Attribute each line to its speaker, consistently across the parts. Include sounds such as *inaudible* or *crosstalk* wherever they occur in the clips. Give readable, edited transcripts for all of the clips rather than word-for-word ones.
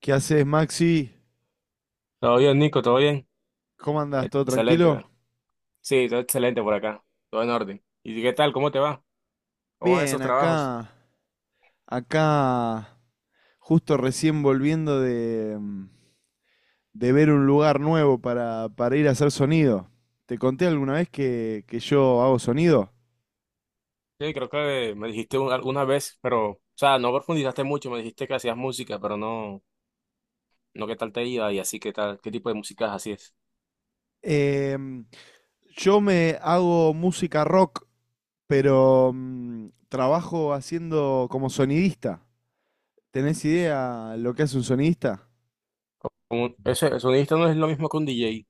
Speaker 1: ¿Qué haces, Maxi?
Speaker 2: Todo bien, Nico, todo bien.
Speaker 1: ¿Cómo andás? ¿Todo
Speaker 2: Excelente,
Speaker 1: tranquilo?
Speaker 2: cara. Sí, todo excelente por acá. Todo en orden. ¿Y qué tal? ¿Cómo te va? ¿Cómo van
Speaker 1: Bien,
Speaker 2: esos trabajos?
Speaker 1: acá, justo recién volviendo de ver un lugar nuevo para ir a hacer sonido. ¿Te conté alguna vez que yo hago sonido?
Speaker 2: Sí, creo que me dijiste alguna vez, pero, o sea, no profundizaste mucho. Me dijiste que hacías música, pero no qué tal te iba y así, qué tal, qué tipo de música hacías.
Speaker 1: Em, yo me hago música rock, pero trabajo haciendo como sonidista. ¿Tenés idea lo que hace un sonidista?
Speaker 2: El sonidista no es lo mismo que un DJ.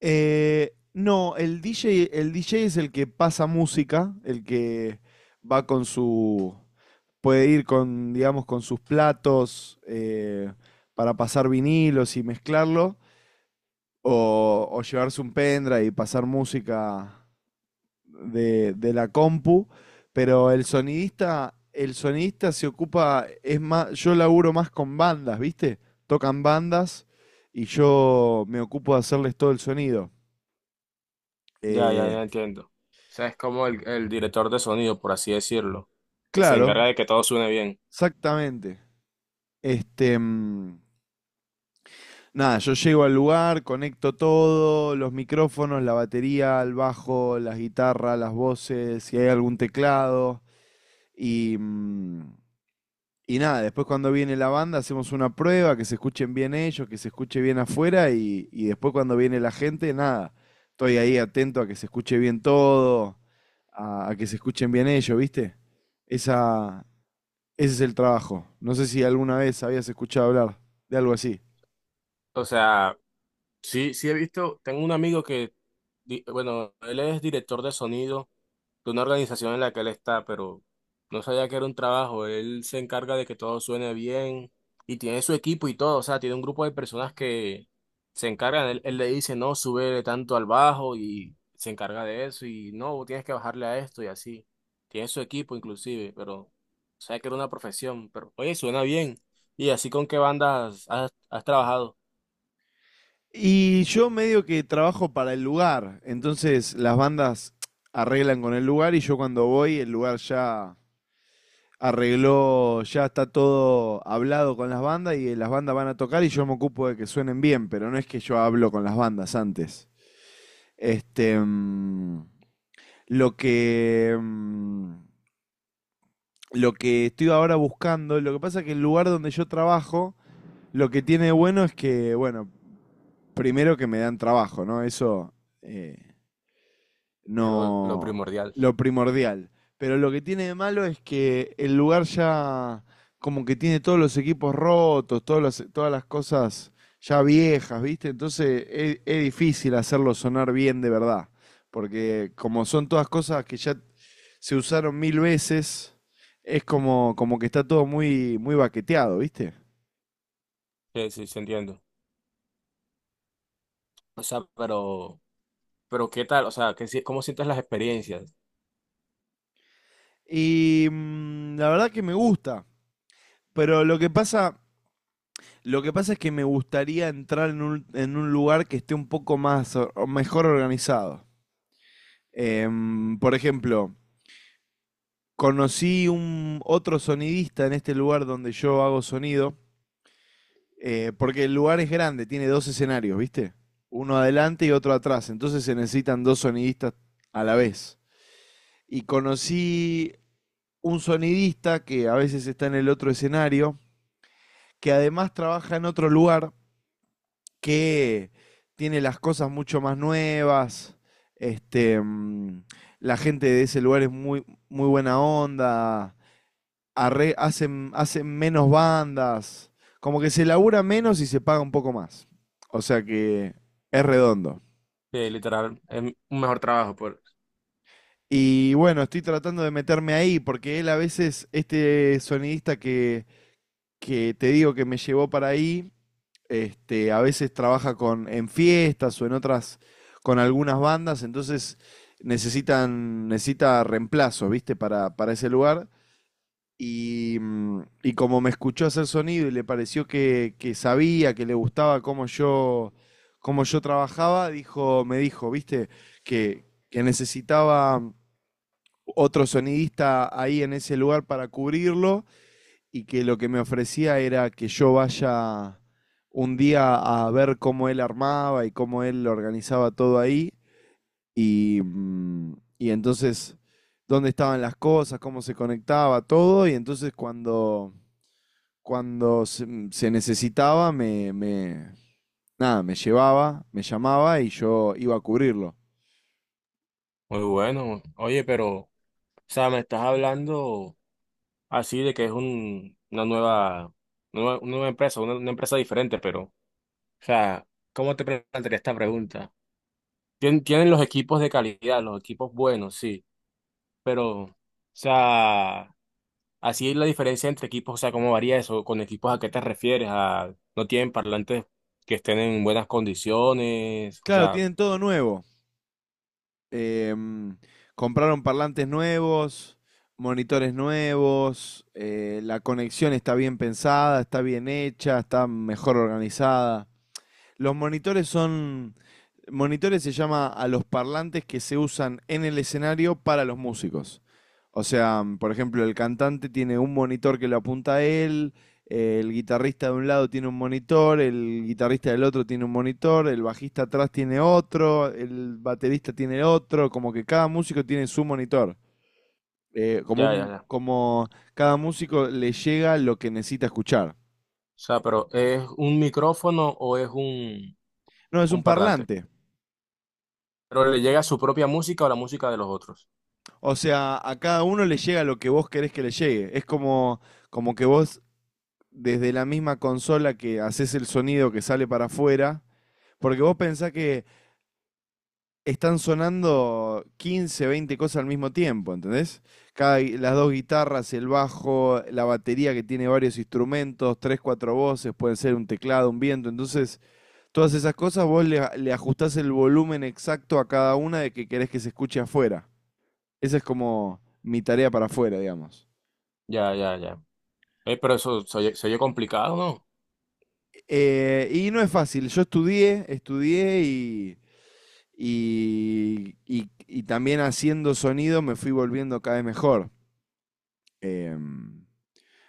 Speaker 1: No, el DJ es el que pasa música, el que va con puede ir con, digamos, con sus platos, para pasar vinilos y mezclarlo, o llevarse un pendrive y pasar música de la compu, pero el sonidista se ocupa. Es más, yo laburo más con bandas, ¿viste? Tocan bandas y yo me ocupo de hacerles todo el sonido.
Speaker 2: Ya, ya,
Speaker 1: Eh,
Speaker 2: ya entiendo. O sea, es como el director de sonido, por así decirlo, que se
Speaker 1: Claro,
Speaker 2: encarga de que todo suene bien.
Speaker 1: exactamente. Este, nada, yo llego al lugar, conecto todo, los micrófonos, la batería, el bajo, las guitarras, las voces, si hay algún teclado. Y, mm, y, nada, después cuando viene la banda hacemos una prueba, que se escuchen bien ellos, que se escuche bien afuera, y después cuando viene la gente, nada, estoy ahí atento a que se escuche bien todo, a que se escuchen bien ellos, ¿viste? Esa, Ese es el trabajo. No sé si alguna vez habías escuchado hablar de algo así.
Speaker 2: O sea, sí, sí he visto, tengo un amigo que, bueno, él es director de sonido de una organización en la que él está, pero no sabía que era un trabajo. Él se encarga de que todo suene bien y tiene su equipo y todo, o sea, tiene un grupo de personas que se encargan. Él le dice, no, sube tanto al bajo y se encarga de eso y no, vos tienes que bajarle a esto y así. Tiene su equipo inclusive, pero sabía que era una profesión, pero oye, suena bien. ¿Y así con qué bandas has trabajado?
Speaker 1: Y yo medio que trabajo para el lugar, entonces las bandas arreglan con el lugar, y yo cuando voy el lugar ya arregló, ya está todo hablado con las bandas y las bandas van a tocar y yo me ocupo de que suenen bien, pero no es que yo hablo con las bandas antes. Este, lo que, mm, lo que estoy ahora buscando. Lo que pasa es que el lugar donde yo trabajo, lo que tiene de bueno es que, bueno, primero que me dan trabajo, ¿no? Eso, eh,
Speaker 2: Lo
Speaker 1: no.
Speaker 2: primordial.
Speaker 1: Lo primordial. Pero lo que tiene de malo es que el lugar ya como que tiene todos los equipos rotos, todas las cosas ya viejas, ¿viste? Entonces es difícil hacerlo sonar bien de verdad. Porque como son todas cosas que ya se usaron mil veces, es como, como que está todo muy, muy baqueteado, ¿viste?
Speaker 2: Sí, sí, sí, entiendo. O sea, pero ¿qué tal? O sea, ¿qué, cómo sientes las experiencias?
Speaker 1: Y la verdad que me gusta. Pero lo que pasa es que me gustaría entrar en un lugar que esté un poco más o mejor organizado. Por ejemplo, conocí un otro sonidista en este lugar donde yo hago sonido, porque el lugar es grande, tiene dos escenarios, ¿viste? Uno adelante y otro atrás. Entonces se necesitan dos sonidistas a la vez. Y conocí un sonidista que a veces está en el otro escenario, que además trabaja en otro lugar que tiene las cosas mucho más nuevas. Este, la gente de ese lugar es muy, muy buena onda. Hacen menos bandas. Como que se labura menos y se paga un poco más. O sea que es redondo.
Speaker 2: Sí, literal, es un mejor trabajo, pues.
Speaker 1: Y bueno, estoy tratando de meterme ahí porque él a veces, este sonidista que te digo que me llevó para ahí, a veces trabaja en fiestas o en otras, con algunas bandas. Entonces necesita reemplazo, ¿viste? Para ese lugar. Y, como me escuchó hacer sonido y le pareció que sabía, que le gustaba cómo yo trabajaba, dijo, me dijo, ¿viste? Que necesitaba otro sonidista ahí en ese lugar para cubrirlo, y que lo que me ofrecía era que yo vaya un día a ver cómo él armaba y cómo él organizaba todo ahí, y, mm, y entonces dónde estaban las cosas, cómo se conectaba todo, y entonces cuando se necesitaba, nada, me llevaba, me llamaba y yo iba a cubrirlo.
Speaker 2: Muy bueno. Oye, pero, o sea, me estás hablando así de que es un, una nueva, nueva, una nueva empresa, una empresa diferente, pero, o sea, ¿cómo te plantearía esta pregunta? Tienen los equipos de calidad, los equipos buenos, sí, pero, o sea, así es la diferencia entre equipos, o sea, ¿cómo varía eso? ¿Con equipos a qué te refieres? ¿A no tienen parlantes que estén en buenas condiciones? O
Speaker 1: Claro,
Speaker 2: sea,
Speaker 1: tienen todo nuevo. Em, compraron parlantes nuevos, monitores nuevos, la conexión está bien pensada, está bien hecha, está mejor organizada. Los monitores son. Monitores se llama a los parlantes que se usan en el escenario para los músicos. O sea, por ejemplo, el cantante tiene un monitor que lo apunta a él, el guitarrista de un lado tiene un monitor, el guitarrista del otro tiene un monitor, el bajista atrás tiene otro, el baterista tiene otro, como que cada músico tiene su monitor. Eh, como,
Speaker 2: ya, ya,
Speaker 1: un,
Speaker 2: ya.
Speaker 1: como cada músico le llega lo que necesita escuchar.
Speaker 2: O sea, pero ¿es un micrófono o es
Speaker 1: No, es un
Speaker 2: un parlante?
Speaker 1: parlante.
Speaker 2: Pero le llega su propia música o la música de los otros.
Speaker 1: O sea, a cada uno le llega lo que vos querés que le llegue. Es como, como que vos, desde la misma consola que haces el sonido que sale para afuera, porque vos pensás que están sonando 15, 20 cosas al mismo tiempo, ¿entendés? Las dos guitarras, el bajo, la batería que tiene varios instrumentos, tres, cuatro voces, pueden ser un teclado, un viento. Entonces, todas esas cosas vos le ajustás el volumen exacto a cada una de que querés que se escuche afuera. Esa es como mi tarea para afuera, digamos.
Speaker 2: Ya, ya, ya. Pero eso se oye complicado, ¿no?
Speaker 1: Y no es fácil. Yo estudié y también haciendo sonido me fui volviendo cada vez mejor. Em,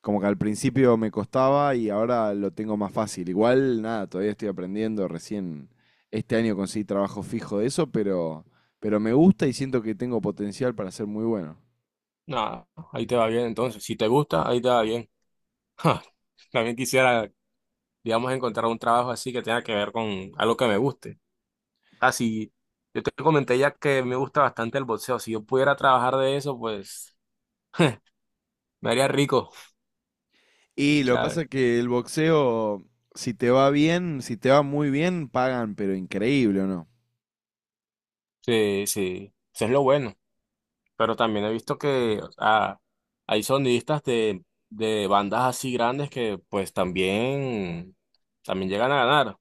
Speaker 1: como que al principio me costaba y ahora lo tengo más fácil. Igual, nada, todavía estoy aprendiendo. Recién este año conseguí trabajo fijo de eso, pero, me gusta y siento que tengo potencial para ser muy bueno.
Speaker 2: Nada, ahí te va bien entonces. Si te gusta, ahí te va bien. *laughs* También quisiera, digamos, encontrar un trabajo así que tenga que ver con algo que me guste. Así, yo te comenté ya que me gusta bastante el boxeo. Si yo pudiera trabajar de eso, pues me haría rico. *laughs*
Speaker 1: Y
Speaker 2: O
Speaker 1: lo que
Speaker 2: sea,
Speaker 1: pasa es que el boxeo, si te va bien, si te va muy bien, pagan, pero increíble, ¿o no?
Speaker 2: sí, sí. Eso es lo bueno. Pero también he visto que o sea, hay sonidistas de bandas así grandes que pues también, también llegan a ganar.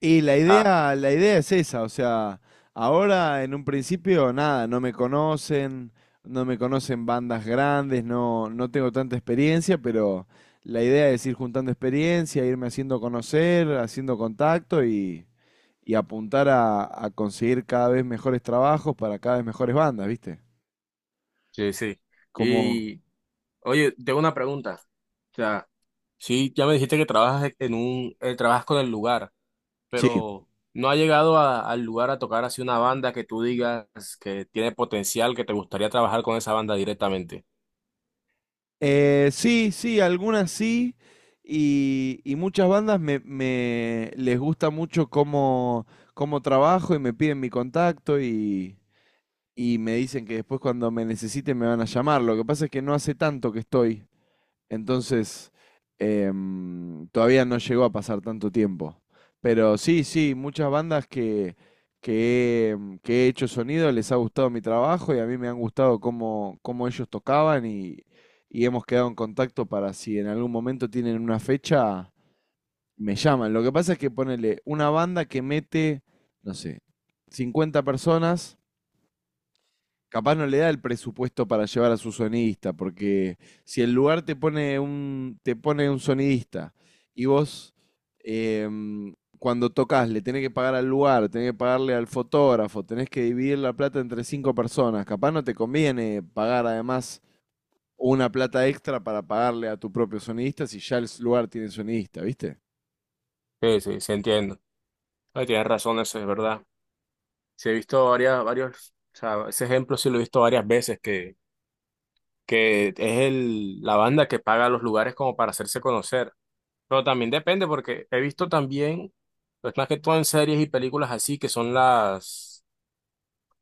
Speaker 1: Y la
Speaker 2: Ah,
Speaker 1: idea, la idea es esa, o sea, ahora en un principio nada, no me conocen, no me conocen bandas grandes, no, no tengo tanta experiencia, pero la idea es ir juntando experiencia, irme haciendo conocer, haciendo contacto, y apuntar a conseguir cada vez mejores trabajos para cada vez mejores bandas, ¿viste?
Speaker 2: sí, sí.
Speaker 1: Como,
Speaker 2: Y oye, tengo una pregunta. O sea, sí, ya me dijiste que trabajas en un, trabajas con el lugar,
Speaker 1: sí.
Speaker 2: pero ¿no ha llegado al lugar a tocar así una banda que tú digas que tiene potencial, que te gustaría trabajar con esa banda directamente?
Speaker 1: Sí, sí, algunas sí. Y muchas bandas me, les gusta mucho cómo trabajo y me piden mi contacto, y me dicen que después cuando me necesiten me van a llamar. Lo que pasa es que no hace tanto que estoy. Entonces, todavía no llegó a pasar tanto tiempo. Pero sí, sí, muchas bandas que he hecho sonido les ha gustado mi trabajo, y a mí me han gustado cómo ellos tocaban, y hemos quedado en contacto para si en algún momento tienen una fecha, me llaman. Lo que pasa es que ponele una banda que mete, no sé, 50 personas, capaz no le da el presupuesto para llevar a su sonidista, porque si el lugar te pone un sonidista y vos cuando tocas le tenés que pagar al lugar, tenés que pagarle al fotógrafo, tenés que dividir la plata entre cinco personas, capaz no te conviene pagar además una plata extra para pagarle a tu propio sonidista si ya el lugar tiene sonidista, ¿viste?
Speaker 2: Sí, sí, sí entiendo. Ay, tienes razón, eso es verdad. Sí, he visto varios, o sea, ese ejemplo sí lo he visto varias veces, que es el, la banda que paga los lugares como para hacerse conocer. Pero también depende, porque he visto también, pues más que todo en series y películas así, que son las,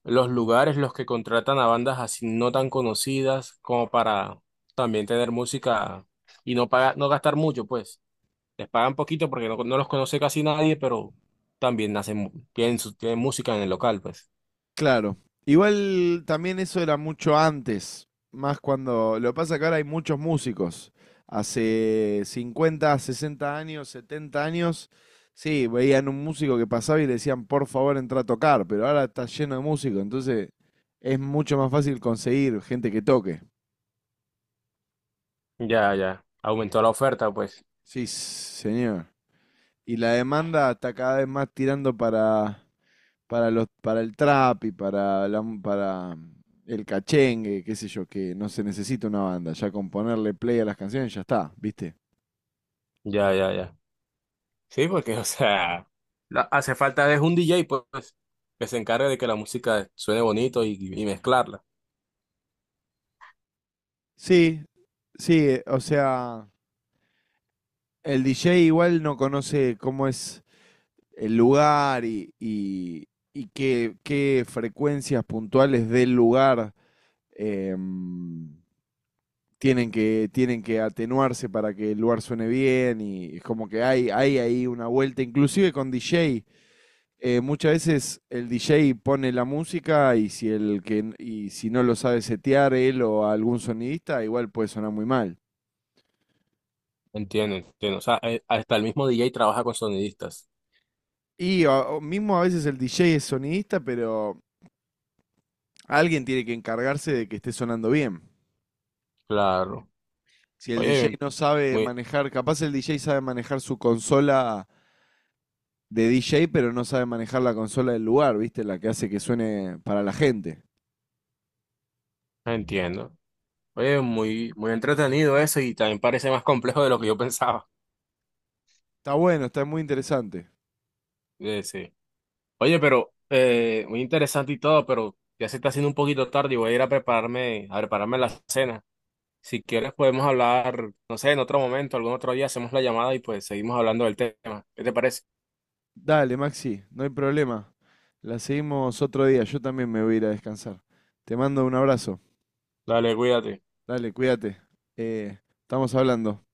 Speaker 2: los lugares los que contratan a bandas así no tan conocidas como para también tener música y no pagar, no gastar mucho, pues. Les pagan poquito porque no los conoce casi nadie, pero también hacen, tienen, tienen música en el local, pues.
Speaker 1: Claro. Igual también eso era mucho antes, más cuando. Lo que pasa que ahora hay muchos músicos. Hace 50, 60 años, 70 años, sí, veían un músico que pasaba y le decían, por favor, entra a tocar, pero ahora está lleno de músicos, entonces es mucho más fácil conseguir gente que toque.
Speaker 2: Ya, ya. Aumentó la oferta, pues.
Speaker 1: Sí, señor. Y la demanda está cada vez más tirando para el trap y para el cachengue, qué sé yo, que no se necesita una banda, ya con ponerle play a las canciones ya está, ¿viste?
Speaker 2: Ya, ya, ya. Sí, porque, *laughs* o sea, hace falta es un DJ, pues, que se encargue de que la música suene bonito y mezclarla.
Speaker 1: Sí, sí, o sea, el DJ igual no conoce cómo es el lugar y qué frecuencias puntuales del lugar em, tienen que atenuarse para que el lugar suene bien, y es como que hay ahí una vuelta, inclusive con DJ, muchas veces el DJ pone la música, y si el que y si no lo sabe setear él o algún sonidista, igual puede sonar muy mal.
Speaker 2: Entiendo, entiendo. O sea, hasta el mismo DJ trabaja con sonidistas.
Speaker 1: O mismo a veces el DJ es sonidista, pero alguien tiene que encargarse de que esté sonando bien.
Speaker 2: Claro.
Speaker 1: Si el
Speaker 2: Oye,
Speaker 1: DJ no sabe
Speaker 2: muy,
Speaker 1: manejar, capaz el DJ sabe manejar su consola de DJ, pero no sabe manejar la consola del lugar, ¿viste? La que hace que suene para la gente.
Speaker 2: entiendo. Oye, muy, muy entretenido eso y también parece más complejo de lo que yo *laughs* pensaba.
Speaker 1: Está bueno, está muy interesante.
Speaker 2: Sí. Oye, pero, muy interesante y todo, pero ya se está haciendo un poquito tarde y voy a ir a prepararme la cena. Si quieres podemos hablar, no sé, en otro momento, algún otro día hacemos la llamada y pues seguimos hablando del tema. ¿Qué te parece?
Speaker 1: Dale, Maxi, no hay problema. La seguimos otro día. Yo también me voy a ir a descansar. Te mando un abrazo.
Speaker 2: Dale, cuídate.
Speaker 1: Dale, cuídate. Eh, estamos hablando.